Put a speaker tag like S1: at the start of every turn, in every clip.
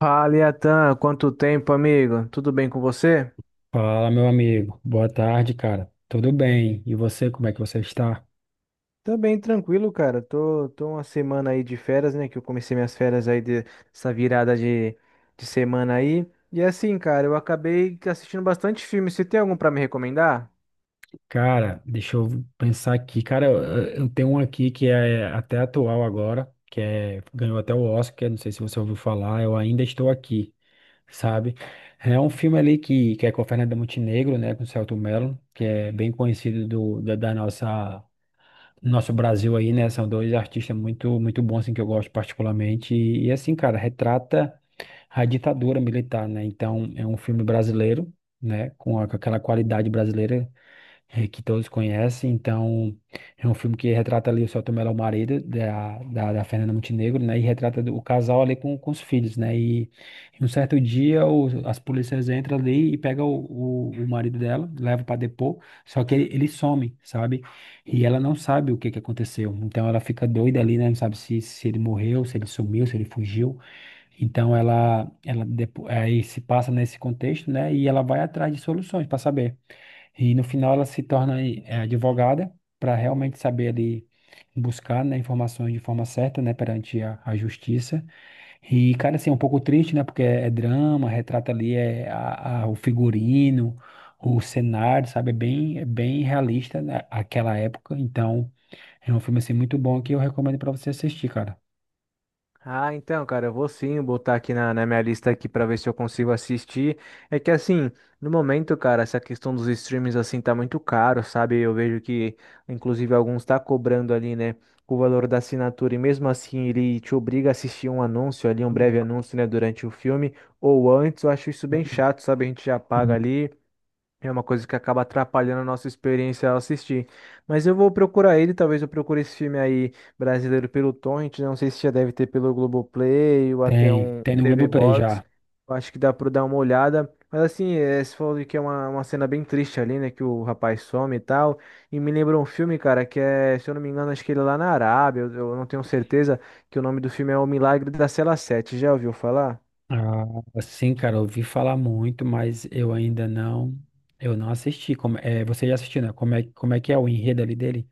S1: Fala, Iatan, quanto tempo, amigo? Tudo bem com você?
S2: Fala, meu amigo. Boa tarde, cara. Tudo bem? E você, como é que você está?
S1: Também tranquilo, cara. Tô uma semana aí de férias, né? Que eu comecei minhas férias dessa virada de semana aí. E assim, cara, eu acabei assistindo bastante filme. Você tem algum pra me recomendar?
S2: Cara, deixa eu pensar aqui. Cara, eu tenho um aqui que é até atual agora, ganhou até o Oscar, não sei se você ouviu falar, Eu Ainda Estou Aqui, sabe? É um filme ali que é com a Fernanda Montenegro, né, com o Selton Mello, que é bem conhecido da nossa... Nosso Brasil aí, né? São dois artistas muito, muito bons, assim, que eu gosto particularmente. E assim, cara, retrata a ditadura militar, né? Então, é um filme brasileiro, né? Com aquela qualidade brasileira que todos conhecem. Então, é um filme que retrata ali o Selton Mello, o marido da Fernanda Montenegro, né? E retrata o casal ali com os filhos, né? E um certo dia as polícias entram ali e pegam o marido dela, leva para depor, só que ele, some, sabe? E ela não sabe o que que aconteceu. Então, ela fica doida ali, né? Não sabe se ele morreu, se ele sumiu, se ele fugiu. Então aí se passa nesse contexto, né? E ela vai atrás de soluções para saber. E no final ela se torna advogada para realmente saber ali buscar, né, informações de forma certa, né, perante a justiça. E cara, assim, é um pouco triste, né? Porque é drama, retrata ali o figurino, o cenário, sabe? É bem realista, né, aquela época. Então é um filme assim muito bom que eu recomendo para você assistir, cara.
S1: Ah, então, cara, eu vou sim botar aqui na minha lista aqui para ver se eu consigo assistir. É que assim, no momento, cara, essa questão dos streams assim tá muito caro, sabe? Eu vejo que, inclusive, alguns tá cobrando ali, né, o valor da assinatura e mesmo assim ele te obriga a assistir um anúncio ali, um
S2: Hum.
S1: breve anúncio, né, durante o filme ou antes. Eu acho isso
S2: Tá
S1: bem
S2: bom.
S1: chato, sabe? A gente já paga ali. É uma coisa que acaba atrapalhando a nossa experiência ao assistir. Mas eu vou procurar ele, talvez eu procure esse filme aí brasileiro pelo Torrent, né? Não sei se já deve ter pelo Globoplay ou até
S2: Tem,
S1: um
S2: tem no
S1: TV
S2: Globoplay
S1: Box.
S2: já.
S1: Eu acho que dá para dar uma olhada. Mas assim, é, você falou que é uma cena bem triste ali, né? Que o rapaz some e tal. E me lembrou um filme, cara, que é, se eu não me engano, acho que ele é lá na Arábia, eu não tenho certeza, que o nome do filme é O Milagre da Cela Sete. Já ouviu falar?
S2: Ah, sim, cara, eu ouvi falar muito, mas eu ainda não, eu não assisti. Como, você já assistiu, né? Como é que é o enredo ali dele?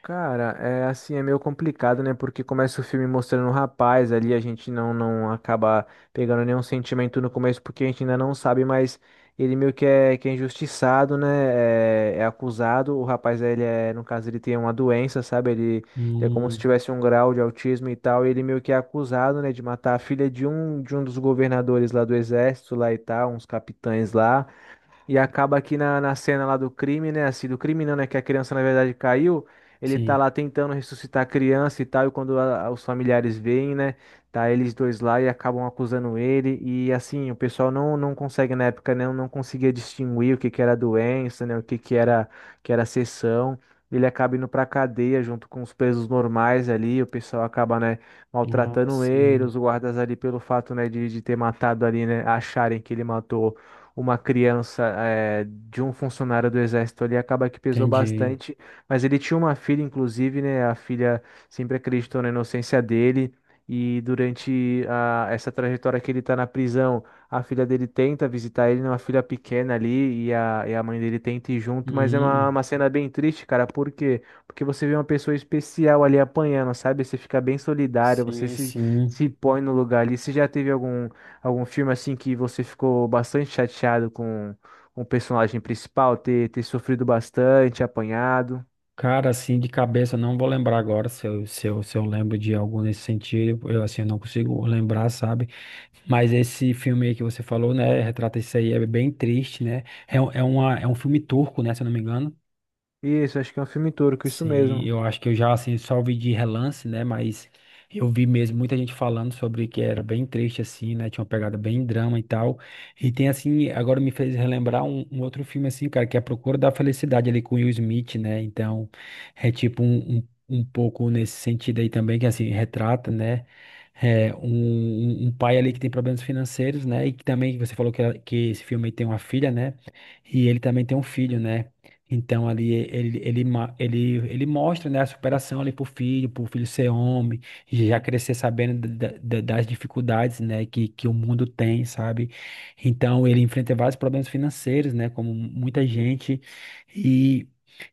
S1: Cara, é assim, é meio complicado, né? Porque começa o filme mostrando um rapaz ali, a gente não acaba pegando nenhum sentimento no começo, porque a gente ainda não sabe, mas ele meio que é injustiçado, né? É, é acusado. O rapaz, ele é, no caso, ele tem uma doença, sabe? Ele é como se
S2: Hum,
S1: tivesse um grau de autismo e tal, e ele meio que é acusado, né, de matar a filha de um dos governadores lá do exército, lá e tal, uns capitães lá. E acaba aqui na cena lá do crime, né? Assim, do crime não, né? Que a criança, na verdade, caiu. Ele tá
S2: sim.
S1: lá tentando ressuscitar a criança e tal. E quando os familiares veem, né? Tá eles dois lá e acabam acusando ele. E assim, o pessoal não consegue, na época, né? Não conseguia distinguir o que que era doença, né? O que que era sessão. Ele acaba indo pra cadeia junto com os presos normais ali. O pessoal acaba, né?
S2: Ah,
S1: Maltratando ele.
S2: sim,
S1: Os guardas ali, pelo fato, né? De ter matado ali, né? Acharem que ele matou uma criança é, de um funcionário do exército ali, acaba que pesou
S2: entendi.
S1: bastante. Mas ele tinha uma filha, inclusive, né? A filha sempre acreditou na inocência dele. E durante essa trajetória que ele tá na prisão, a filha dele tenta visitar ele, né, uma filha pequena ali, e a mãe dele tenta ir junto, mas é
S2: Hum,
S1: uma cena bem triste, cara. Por quê? Porque você vê uma pessoa especial ali apanhando, sabe? Você fica bem solidário, você
S2: sim,
S1: se,
S2: sim.
S1: se põe no lugar ali. Você já teve algum Algum filme assim que você ficou bastante chateado com o personagem principal ter sofrido bastante, apanhado?
S2: Cara, assim, de cabeça, eu não vou lembrar agora se eu, se eu lembro de algum nesse sentido. Eu, assim, não consigo lembrar, sabe? Mas esse filme aí que você falou, né? Retrata isso aí, é bem triste, né? É um filme turco, né? Se eu não me engano.
S1: Isso, acho que é um filme turco, isso
S2: Sim,
S1: mesmo.
S2: eu acho que eu já assim só vi de relance, né? Mas eu vi mesmo muita gente falando sobre que era bem triste assim, né? Tinha uma pegada bem drama e tal. E tem assim, agora me fez relembrar um outro filme assim, cara, que é A Procura da Felicidade ali com Will Smith, né? Então, é tipo um pouco nesse sentido aí também que assim retrata, né? É, um, um pai ali que tem problemas financeiros, né? E que também você falou que esse filme aí tem uma filha, né? E ele também tem um filho, né? Então ali ele, ele mostra, né, a superação ali pro filho ser homem, já crescer sabendo das dificuldades, né, que o mundo tem, sabe? Então ele enfrenta vários problemas financeiros, né, como muita gente, e,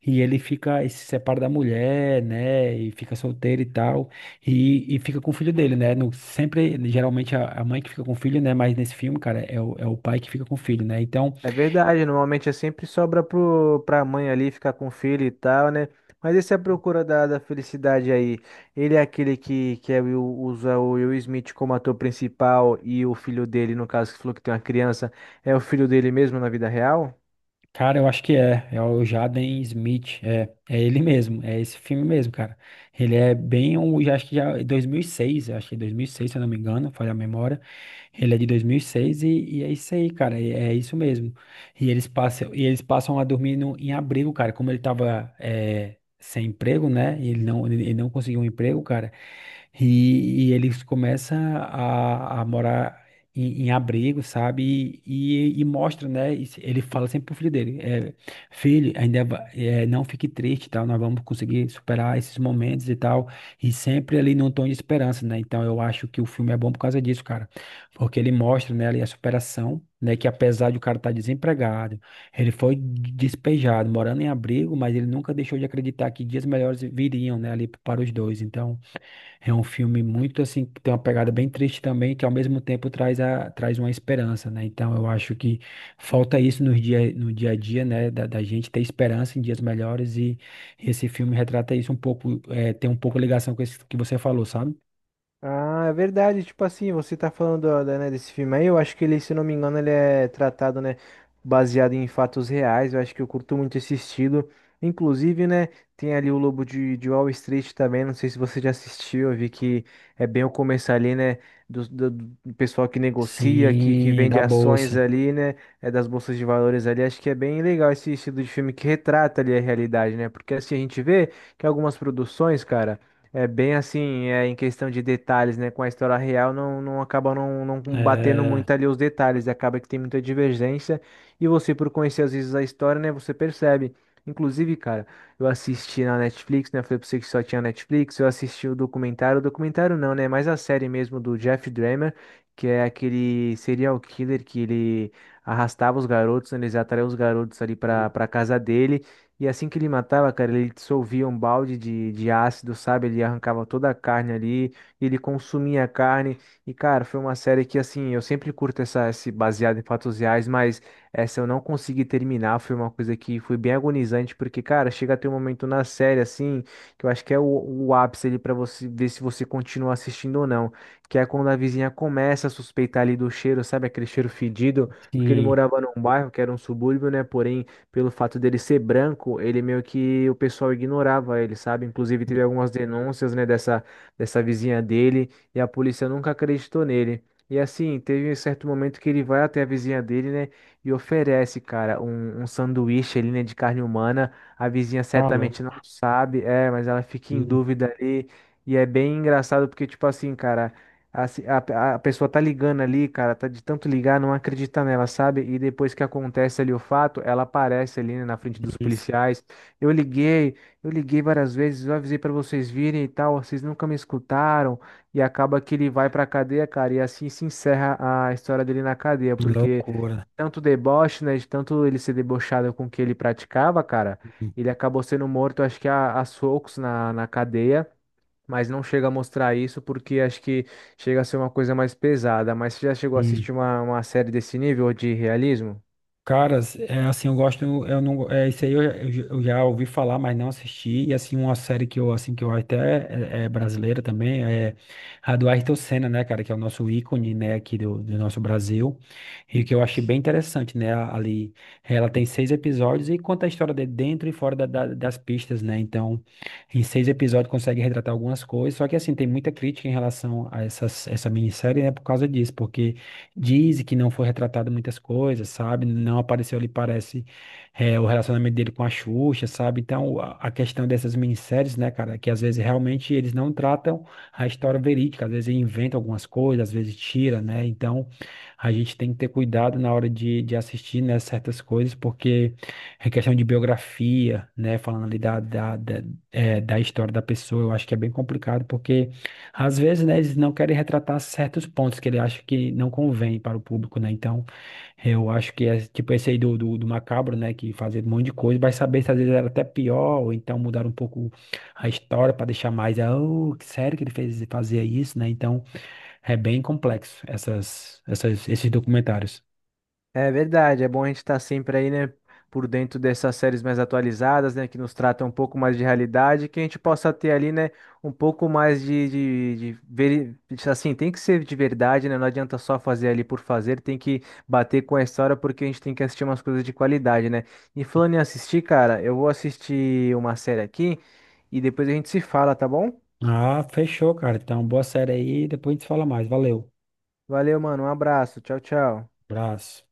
S2: e ele fica, e se separa da mulher, né, e fica solteiro e tal, e fica com o filho dele, né? No, sempre, geralmente a mãe que fica com o filho, né, mas nesse filme, cara, é o, pai que fica com o filho, né? Então
S1: É verdade, normalmente é sempre sobra pra mãe ali ficar com o filho e tal, né? Mas esse é a procura da felicidade aí. Ele é aquele que é usa o Will Smith como ator principal e o filho dele, no caso, que falou que tem uma criança, é o filho dele mesmo na vida real?
S2: cara, eu acho que é. É o Jaden Smith. É ele mesmo. É esse filme mesmo, cara. Ele é bem um. Já, acho que já é 2006. Eu Acho que é 2006, se eu não me engano. Falha a memória. Ele é de 2006 e, seis e é isso aí, cara. É isso mesmo. E eles passam a dormir no, em abrigo, cara. Como ele tava sem emprego, né? E ele não conseguiu um emprego, cara. E ele começa a morar em abrigo, sabe? E mostra, né? Ele fala sempre pro filho dele: "Filho, não fique triste, tal. Nós vamos conseguir superar esses momentos e tal." E sempre ali num tom de esperança, né? Então eu acho que o filme é bom por causa disso, cara. Porque ele mostra, né, ali a superação. Né, que apesar de o cara estar desempregado, ele foi despejado, morando em abrigo, mas ele nunca deixou de acreditar que dias melhores viriam, né, ali para os dois. Então, é um filme muito assim, que tem uma pegada bem triste também, que ao mesmo tempo traz uma esperança, né? Então eu acho que falta isso no dia, a dia, né? Da gente ter esperança em dias melhores e esse filme retrata isso um pouco, tem um pouco ligação com isso que você falou, sabe?
S1: Ah, é verdade, tipo assim, você tá falando, ó, né, desse filme aí, eu acho que ele, se não me engano, ele é tratado, né, baseado em fatos reais, eu acho que eu curto muito esse estilo, inclusive, né, tem ali o Lobo de Wall Street também, não sei se você já assistiu, eu vi que é bem o começo ali, né, do, do, do pessoal que negocia, que
S2: Sim,
S1: vende
S2: da
S1: ações
S2: bolsa.
S1: ali, né, é das bolsas de valores ali, acho que é bem legal esse estilo de filme que retrata ali a realidade, né, porque assim, a gente vê que algumas produções, cara é bem assim, é em questão de detalhes, né? Com a história real, não acaba não batendo
S2: É,
S1: muito ali os detalhes, acaba que tem muita divergência. E você, por conhecer às vezes a história, né? Você percebe. Inclusive, cara, eu assisti na Netflix, né? Eu falei pra você que só tinha Netflix. Eu assisti o documentário não, né? Mas a série mesmo do Jeff Dahmer, que é aquele serial killer que ele arrastava os garotos, né, eles atraía os garotos ali pra casa dele. E assim que ele matava, cara, ele dissolvia um balde de ácido, sabe? Ele arrancava toda a carne ali, ele consumia a carne. E, cara, foi uma série que, assim, eu sempre curto essa, esse baseado em fatos reais, mas essa eu não consegui terminar. Foi uma coisa que foi bem agonizante, porque, cara, chega a ter um momento na série, assim, que eu acho que é o ápice ali pra você ver se você continua assistindo ou não. Que é quando a vizinha começa a suspeitar ali do cheiro, sabe? Aquele cheiro fedido, porque ele
S2: sim,
S1: morava num bairro que era um subúrbio, né? Porém pelo fato dele ser branco, ele meio que o pessoal ignorava ele, sabe? Inclusive teve algumas denúncias, né, dessa vizinha dele e a polícia nunca acreditou nele. E assim, teve um certo momento que ele vai até a vizinha dele, né, e oferece, cara, um sanduíche ali, né, de carne humana. A vizinha
S2: tá
S1: certamente não
S2: louco.
S1: sabe, é, mas ela fica em dúvida ali. E é bem engraçado porque, tipo assim, cara. A, se- a pessoa tá ligando ali, cara, tá de tanto ligar, não acredita nela, sabe? E depois que acontece ali o fato, ela aparece ali, né, na frente dos
S2: Sim, sim.
S1: policiais. Eu liguei, eu liguei várias vezes, eu avisei pra vocês virem e tal, vocês nunca me escutaram. E acaba que ele vai pra cadeia, cara, e assim se encerra a história dele na cadeia, porque
S2: Loucura.
S1: tanto deboche, né, de tanto ele ser debochado com o que ele praticava, cara, ele acabou sendo morto, acho que a socos na cadeia, mas não chega a mostrar isso porque acho que chega a ser uma coisa mais pesada. Mas você já chegou a
S2: Sim.
S1: assistir uma série desse nível de realismo?
S2: Caras, é assim, eu gosto, eu não, é isso aí eu, eu já ouvi falar, mas não assisti, e assim, uma série que eu, assim, que eu até, é brasileira também, é a do Ayrton Senna, né, cara, que é o nosso ícone, né, aqui do nosso Brasil, e que eu achei bem interessante, né, ali, ela tem seis episódios e conta a história de dentro e fora das pistas, né, então, em seis episódios consegue retratar algumas coisas, só que assim, tem muita crítica em relação a essa minissérie, né, por causa disso, porque diz que não foi retratado muitas coisas, sabe? Não apareceu ali, parece, o relacionamento dele com a Xuxa, sabe? Então, a questão dessas minisséries, né, cara, que às vezes realmente eles não tratam a história verídica, às vezes inventam algumas coisas, às vezes tira, né? Então, a gente tem que ter cuidado na hora de assistir, né, certas coisas, porque é questão de biografia, né, falando ali da história da pessoa, eu acho que é bem complicado, porque às vezes, né, eles não querem retratar certos pontos que ele acha que não convém para o público, né? Então, eu acho que é tipo esse aí do Macabro, né? Que fazia um monte de coisa, vai saber se às vezes era até pior, ou então mudar um pouco a história para deixar mais, ah, oh, que sério que ele fez fazia isso, né? Então, é bem complexo essas, esses documentários.
S1: É verdade, é bom a gente estar sempre aí, né, por dentro dessas séries mais atualizadas, né, que nos tratam um pouco mais de realidade, que a gente possa ter ali, né, um pouco mais de veri- assim, tem que ser de verdade, né, não adianta só fazer ali por fazer, tem que bater com a história porque a gente tem que assistir umas coisas de qualidade, né. E falando em assistir, cara, eu vou assistir uma série aqui e depois a gente se fala, tá bom?
S2: Ah, fechou, cara. Então, boa série aí, depois a gente fala mais. Valeu.
S1: Valeu, mano, um abraço, tchau, tchau.
S2: Abraço.